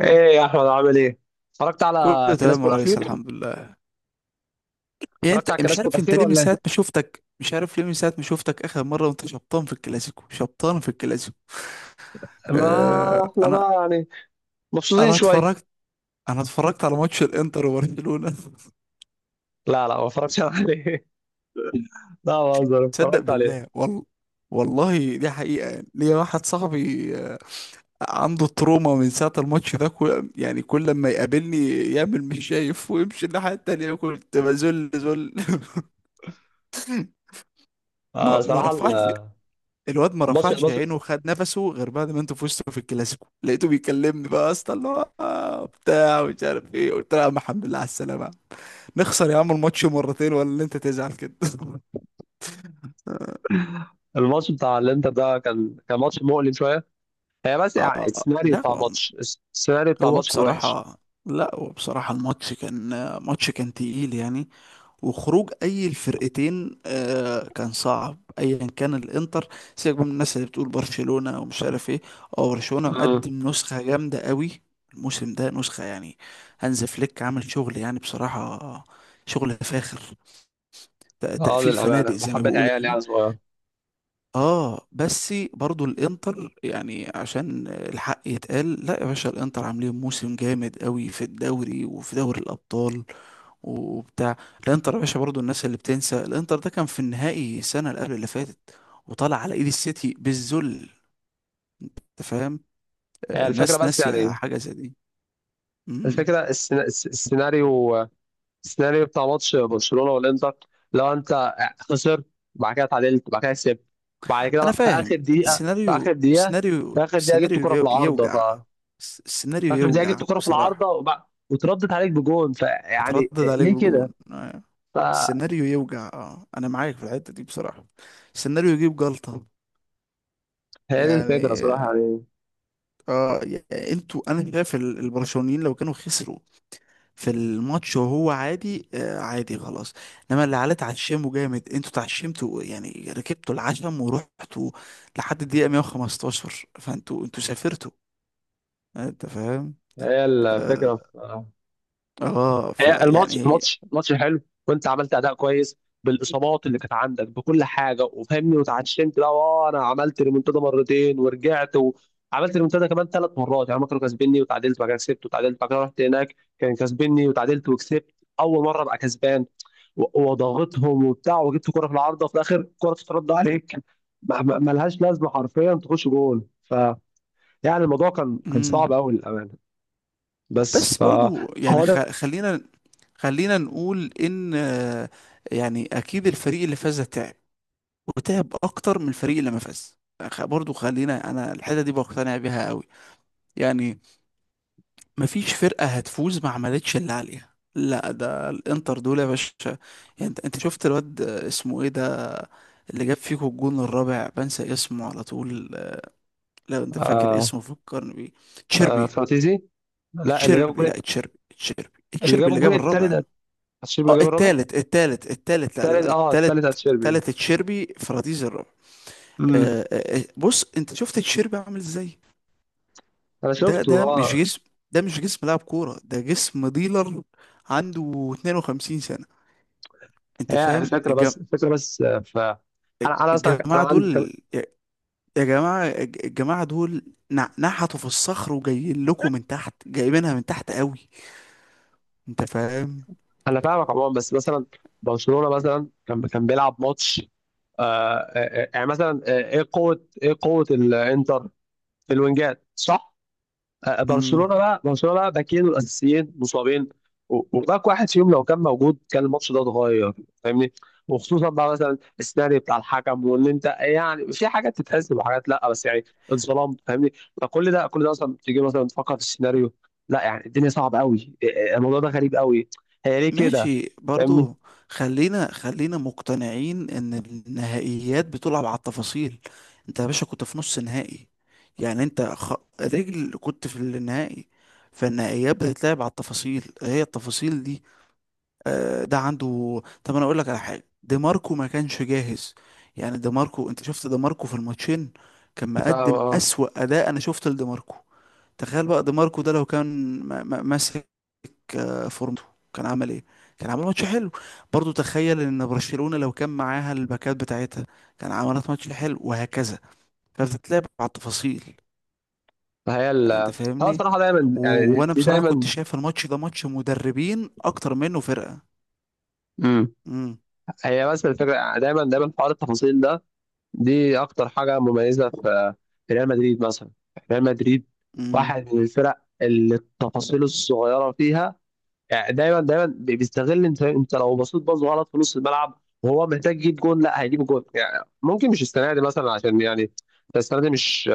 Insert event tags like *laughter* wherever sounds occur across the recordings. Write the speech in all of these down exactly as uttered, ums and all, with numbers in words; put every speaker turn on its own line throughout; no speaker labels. ايه يا احمد، عامل ايه؟ اتفرجت على
كله تمام
الكلاسيكو
يا ريس،
الاخير؟
الحمد لله. يعني
اتفرجت
انت
على
مش
الكلاسيكو
عارف، انت
الاخير
ليه؟ من
ولا ايه؟
ساعة ما شفتك مش عارف ليه. من ساعة ما شفتك اخر مرة وانت شبطان في الكلاسيكو، شبطان في الكلاسيكو.
ما
اه
احنا
انا
بقى يعني مبسوطين
انا
شويه.
اتفرجت. انا اتفرجت على ماتش الانتر وبرشلونة. *laughs*
لا لا، ما اتفرجتش عليه. *laughs* لا، بهزر
تصدق
اتفرجت عليه.
بالله؟ والله، والله دي حقيقة. يعني ليا واحد صاحبي آه، عنده تروما من ساعة الماتش ده. كل يعني كل لما يقابلني يعمل مش شايف ويمشي الناحية التانية. كنت بذل ذل. *laughs*
آه،
ما ما
صراحه ال-
رفعش، الواد ما
الماتش
رفعش
الماتش
عينه وخد نفسه غير بعد ما انتوا فزتوا في الكلاسيكو. لقيته بيكلمني بقى: يا اسطى، اللي هو آه، بتاع ومش عارف ايه. قلت له: يا عم الحمد لله على السلامه، نخسر يا عم الماتش مرتين ولا اللي انت تزعل كده؟ *laughs*
الماتش بتاع الانتر ده كان كان ماتش مؤلم شويه. هي بس يعني
آه،
السيناريو
لا
بتاع
هو،
الماتش، الس- السيناريو بتاع
هو
الماتش كان وحش.
بصراحه لا هو بصراحه الماتش كان، ماتش كان تقيل يعني. وخروج اي الفرقتين آه كان صعب، ايا كان الانتر. سيبك بقى من الناس اللي بتقول برشلونة ومش عارف ايه، او برشلونة
امم
مقدم نسخة جامدة قوي الموسم ده، نسخة يعني. هانز فليك عامل شغل يعني بصراحة، شغل فاخر. ت-
اه،
تقفيل
للامانه
فنادق زي ما
بحبه
بيقولوا
عيال
يعني.
يعني صغير.
اه بس برضو الانتر، يعني عشان الحق يتقال، لا يا باشا الانتر عاملين موسم جامد قوي في الدوري وفي دوري الابطال وبتاع. الانتر يا باشا، برضو الناس اللي بتنسى، الانتر ده كان في النهائي السنه اللي قبل اللي فاتت وطلع على ايد السيتي بالذل. انت فاهم؟ آه،
هي الفكره
الناس
بس
ناسيه
يعني
حاجه زي دي. امم،
الفكره، السينا- الس- السيناريو السيناريو بتاع ماتش برشلونه والانتر. لو انت خسرت، بعد كده اتعادلت، بعد كده كسبت، بعد كده
انا
بقى في
فاهم.
اخر دقيقه، في
السيناريو
اخر دقيقه
السيناريو
في اخر دقيقه جبت
السيناريو
كره في
يو-
العارضه. ف
يوجع. الس-
في
السيناريو
اخر دقيقه جبت
يوجع
كره في العارضه،
بصراحه.
وبقى وتردت عليك بجون فيعني
اتردد عليك
ليه
بجون؟
كده؟
آه.
فهي
السيناريو يوجع، اه انا معاك في الحته دي بصراحه. السيناريو يجيب جلطه
دي الفكره صراحه
يعني.
يعني.
اه يعني انتوا، انا شايف ال- البرشلونيين لو كانوا خسروا في الماتش وهو عادي، آه عادي خلاص. انما اللي عليه تعشمه جامد، انتوا تعشمتوا يعني، ركبتوا العشم ورحتوا لحد الدقيقة مية وخمستاشر، فانتوا انتوا سافرتوا. آه، انت فاهم؟
هي الفكره،
اه، آه
هي الماتش
فيعني.
الماتش الماتش حلو، وانت عملت اداء كويس بالاصابات اللي كانت عندك بكل حاجه وفهمني وتعشمت. لا، اه انا عملت ريمونتادا مرتين ورجعت وعملت ريمونتادا كمان ثلاث مرات يعني. هما كانوا كاسبيني وتعادلت بعد كده كسبت، وتعادلت بعد كده رحت هناك كان كاسبيني وتعادلت وكسبت. اول مره ابقى كسبان و- وضغطهم وبتاع وجبت كوره في العارضه، وفي الاخر الكوره تترد عليك. ما- ما- ملهاش لازمه، حرفيا تخش جول. ف يعني الموضوع كان كان صعب
مم.
قوي للامانه. بس
بس
ف اه
برضو يعني، خ- خلينا، خلينا نقول ان آه، يعني اكيد الفريق اللي فاز ده تعب، وتعب اكتر من الفريق اللي ما فاز. خ- برضو خلينا، انا الحته دي بقتنع بيها قوي يعني. مفيش فرقة هتفوز ما عملتش اللي عليها، لا ده الانتر دول يا باشا. يعني انت انت شفت الواد اسمه ايه ده، اللي جاب فيكو الجون الرابع؟ بنسى اسمه على طول. لو انت فاكر
آه،
اسمه فكرني بيه.
آه،
تشيربي.
فراتيزي لا، اللي جاب
تشيربي؟
الجول،
لا تشيربي، تشيربي
اللي
تشيربي
جاب
اللي
الجول
جاب الرابع.
التالت اتشيربي،
اه
اللي جاب الرابع.
التالت، التالت التالت لا لا
التالت
لا،
اه التالت
التالت،
اتشيربي.
التالت تشيربي، فراديز الرابع.
امم
آه، آه، آه، بص انت شفت تشيربي عامل ازاي؟
انا
ده
شفته
ده مش
اه.
جسم، ده مش جسم لاعب كورة، ده جسم ديلر. عنده اثنين وخمسين سنة. انت
هي
فاهم
الفكره
الج-
بس الفكره بس، آه، ف انا، انا اصلا ك- انا
الجماعة
عندي كان...
دول يا، يا جماعة الج- الجماعة دول؟ نع- نحتوا في الصخر وجايين لكم من تحت، جايبينها من تحت قوي. انت فاهم؟
انا فاهمك عموما، بس مثلا برشلونه مثلا كان كان بيلعب ماتش. آه آه، آه، يعني مثلا، آه، ايه قوه، ايه قوه الانتر في الوينجات، صح؟ آه، آه، برشلونه
امم،
بقى برشلونه بقى باكين الاساسيين مصابين. و- وباك واحد فيهم لو كان موجود كان الماتش ده اتغير، فاهمني. وخصوصا بقى مثلا السيناريو بتاع الحكم، وان انت يعني في حاجات تتحسب وحاجات لا، بس يعني اتظلمت، فاهمني. فكل ده، كل ده اصلا تيجي مثلا تفكر في السيناريو، لا يعني الدنيا صعبه قوي، الموضوع ده غريب قوي. هي ليه كده،
ماشي
فاهمني.
برضو. خلينا خلينا مقتنعين ان النهائيات بتلعب على التفاصيل. انت يا باشا كنت في نص نهائي، يعني انت خ... رجل كنت في النهائي. فالنهائيات بتتلعب على التفاصيل، هي التفاصيل دي. آه ده عنده، طب انا اقول لك على حاجه، دي ماركو ما كانش جاهز. يعني دي ماركو، انت شفت دي ماركو في الماتشين، كان
ف-
مقدم
آه،
اسوأ اداء انا شفت لدي ماركو. تخيل بقى دي ماركو ده لو كان م- م- ماسك آه، فورمته، كان عمل ايه؟ كان عمل ماتش حلو. برضو تخيل ان برشلونة لو كان معاها الباكات بتاعتها، كان عملت ماتش حلو، وهكذا. فبتتلعب على التفاصيل.
فهي ال،
انت
هو
فاهمني؟
الصراحه دايما
و...
يعني، دي
وانا
دي
بصراحة كنت
دايما.
شايف الماتش ده ماتش مدربين اكتر منه فرقة.
مم.
امم.
هي بس الفكره يعني، دايما دايما حوار التفاصيل ده، دي اكتر حاجه مميزه في، في ريال مدريد مثلا. ريال مدريد
امم.
واحد من الفرق اللي التفاصيل الصغيره فيها، يعني دايما دايما بي- بيستغل. انت انت لو بصيت باظ غلط في نص الملعب وهو محتاج يجيب جون، لا هيجيب جون يعني. ممكن مش السنه دي مثلا عشان يعني، السنه دي مش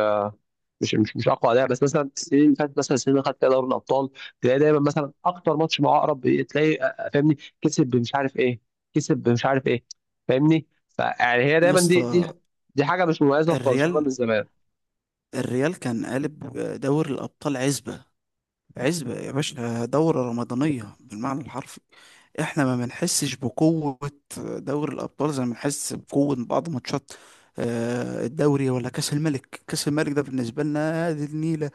مش مش مش اقوى اداء، بس مثلا السنين اللي فاتت، مثلا السنين اللي خدت فيها دوري الابطال، تلاقي دايما مثلا اكتر ماتش مع اقرب إيه، تلاقي آه، آه، فاهمني كسب بمش عارف ايه، كسب بمش عارف ايه، فاهمني فيعني، هي
يا
دايما، دي دي
اسطى،
دي حاجه مش مميزه في برشلونه من
الريال،
زمان.
الريال كان قالب دوري الابطال عزبة. عزبة يا باشا، دورة رمضانية بالمعنى الحرفي. احنا ما بنحسش بقوة دوري الأبطال زي ما بنحس بقوة بعض ماتشات آه، الدوري ولا كأس الملك. كأس الملك ده بالنسبة لنا دي النيلة.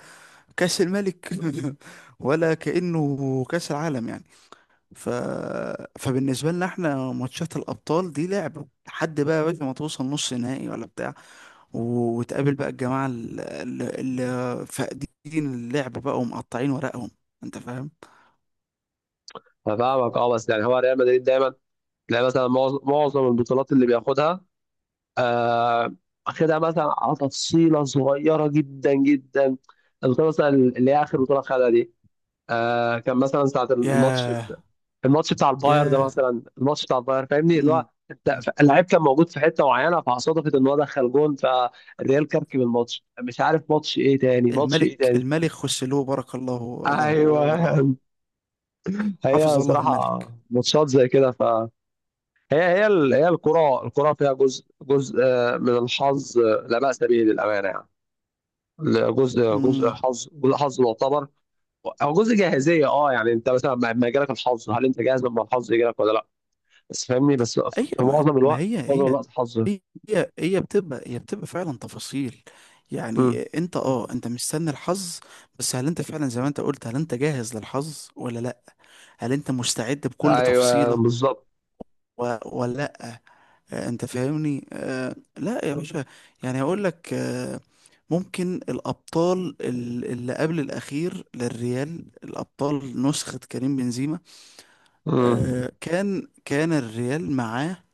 كأس الملك *laughs* ولا كأنه كأس العالم يعني. ف... فبالنسبة لنا احنا ماتشات الأبطال دي لعبة، لحد بقى يا باشا ما توصل نص نهائي ولا بتاع و- وتقابل بقى الجماعة اللي, اللي فاقدين اللعب بقى ومقطعين ورقهم. انت فاهم؟
انا فاهمك اه، بس يعني هو ريال مدريد دايما تلاقي مثلا معظ- معظم البطولات اللي بياخدها، آه، واخدها مثلا على تفصيله صغيره جدا جدا. البطوله مثلا اللي هي اخر بطوله خدها دي، آه كان مثلا ساعة الماتش بتاع،
ياه.
الماتش بتاع الباير ده
ياه.
مثلا، الماتش بتاع الباير فاهمني، اللي هو
مم.
انت ف- اللعيب كان موجود في حتة معينة، فصادفت ان هو دخل جون فالريال كركب الماتش، مش عارف ماتش ايه تاني، ماتش ايه
الملك،
تاني.
الملك خسلوه بارك الله له
ايوه.
ورعاه.
*laughs*
حفظ
هي
الله
صراحة
الملك.
ماتشات زي كده ف، هي هي ال- هي الكرة، الكرة فيها جزء، جزء آه، من الحظ، آه، لا بأس به للأمانة يعني. جزء جزء
امم.
حظ، جزء حظ معتبر، او جزء جاهزيه. اه يعني انت مثلا لما يجيلك الحظ، هل انت جاهز لما الحظ يجيلك ولا لا؟ بس فاهمني بس، في
ايوه، ما,
معظم
ما
الوقت،
هي
معظم
هي،
الوقت حظ.
هي هي بتبقى، هي بتبقى فعلا تفاصيل. يعني
مم.
انت، اه انت مستني الحظ، بس هل انت فعلا زي ما انت قلت، هل انت جاهز للحظ ولا لا؟ هل انت مستعد بكل
ايوه
تفصيلة
بالظبط.
و- ولا؟ آه، انت فاهمني؟ آه، لا يا باشا، يعني هقول لك آه، ممكن الابطال ال- اللي قبل الاخير للريال، الابطال نسخة كريم بنزيما.
مم.
آه، كان كان الريال معاه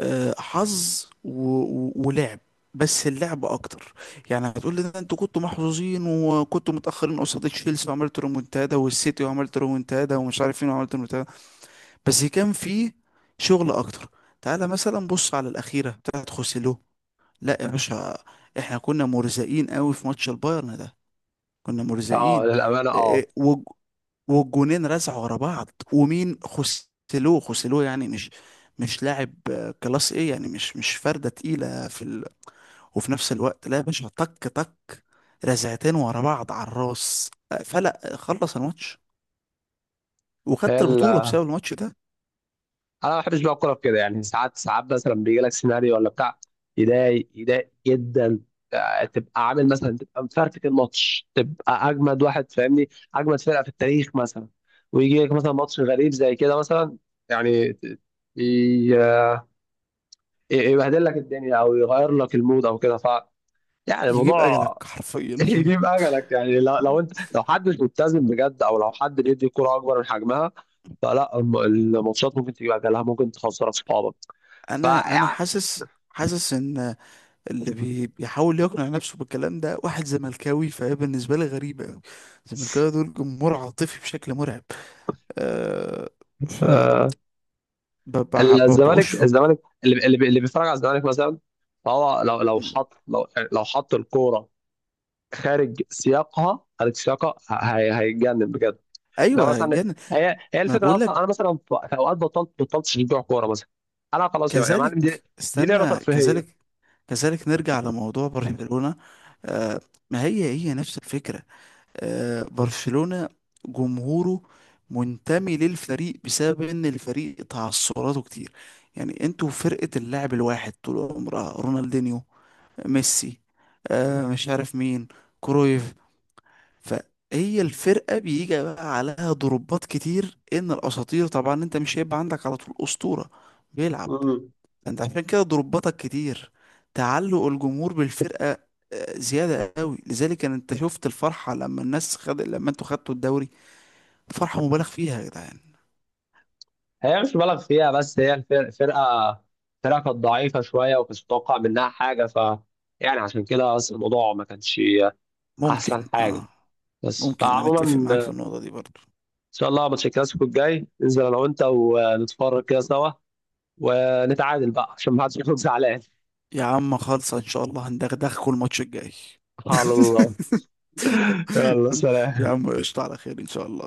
آه، حظ و- و- ولعب، بس اللعب اكتر. يعني هتقول لي: ده انتوا كنتوا محظوظين، وكنتوا متاخرين قصاد تشيلسي وعملت رومونتادا، والسيتي وعملت رومونتادا، ومش عارف مين وعملت رومونتادا. بس كان فيه شغل اكتر. تعالى مثلا بص على الاخيره بتاعت خوسيلو، لا يا باشا، احنا كنا مرزقين قوي في ماتش البايرن ده، كنا
اه
مرزقين.
للامانه
إيه،
اه.
إيه، والج- والجونين رزعوا ورا بعض، ومين خسلوه؟ خسلوه يعني مش، مش لاعب آه، كلاس ايه يعني، مش مش فردة تقيلة في ال... وفي نفس الوقت لا يا باشا، طك طك، رزعتين ورا بعض على الراس، آه، فلا خلص الماتش
هي
وخدت
ال،
البطولة بسبب الماتش ده.
انا ما بحبش بقى الكوره في كده يعني. ساعات ساعات مثلا بيجي لك سيناريو ولا بتاع، يضايق، يضايق جدا. آه، تبقى عامل مثلا، تبقى مفرتك الماتش، تبقى اجمد واحد فاهمني، اجمد فرقه في التاريخ مثلا، ويجي لك مثلا ماتش غريب زي كده مثلا، يعني ت- ي- يبهدل لك الدنيا او يغير لك المود او كده ف، يعني
يجيب اجلك
الموضوع. *laughs*
حرفيا.
يجيب اجلك يعني. لو, لو انت، لو حد مش ملتزم بجد، او لو حد بيدي كرة اكبر من حجمها، فلا الم- الماتشات ممكن تجيب اجلها، ممكن تخسر اصحابك.
*laughs*
ف
انا انا
يعني،
حاسس، حاسس ان اللي بي- بيحاول يقنع نفسه بالكلام ده واحد زملكاوي، فهي بالنسبة لي غريبة أوي. الزملكاويه دول جمهور عاطفي بشكل مرعب. أه، ف
آه،
ب- ب- ب-
الزمالك
بأشفق.
الزمالك اللي اللي بي- اللي بيتفرج على الزمالك مثلا، فهو لو، لو حط، لو لو حط الكوره خارج سياقها، خارج سياقها ه- هي- هيتجنن بجد. ده
أيوة
مثلا،
جن ما،
هي هي
أنا
الفكره
بقول
اصلا.
لك
انا مثلا في، في اوقات بطلت بطلت اشجع كوره مثلا. انا خلاص يا يا معلم، دي
كذلك،
دي لعبه
استنى
ترفيهيه.
كذلك، كذلك نرجع لموضوع برشلونة. أه، ما هي هي نفس الفكرة. آه، برشلونة جمهوره منتمي للفريق بسبب ان الفريق تعثراته كتير. يعني انتوا فرقة اللاعب الواحد طول عمرها: رونالدينيو، ميسي، آه مش عارف مين، كرويف. فهي الفرقة بيجي بقى عليها ضربات كتير، ان الاساطير طبعا انت مش هيبقى عندك على طول اسطورة بيلعب.
مم.
انت عشان كده ضرباتك كتير، تعلق الجمهور بالفرقة آه، زيادة قوي. لذلك ان انت شفت الفرحة لما الناس خد، لما انتوا خدتوا الدوري، فرحة مبالغ فيها يا جدعان.
هي مش مبالغ فيها، بس هي الفرقة، فرقة، فرقة كانت ضعيفة شوية ومش متوقع منها حاجة ف يعني، عشان كده بس الموضوع ما كانش
ممكن
أحسن حاجة.
اه،
بس
ممكن انا
فعموما،
متفق معاك في
إن
النقطة دي برضو.
شاء الله ماتش الكلاسيكو الجاي ننزل أنا وأنت ونتفرج كده سوا، ونتعادل بقى عشان ما حدش يكون زعلان.
يا عم خالصة ان شاء الله هندغدغكوا الماتش الجاي.
*laughs*
*laughs*
على الله. يلا،
يا
سلام
عم قشطة، على خير ان شاء الله.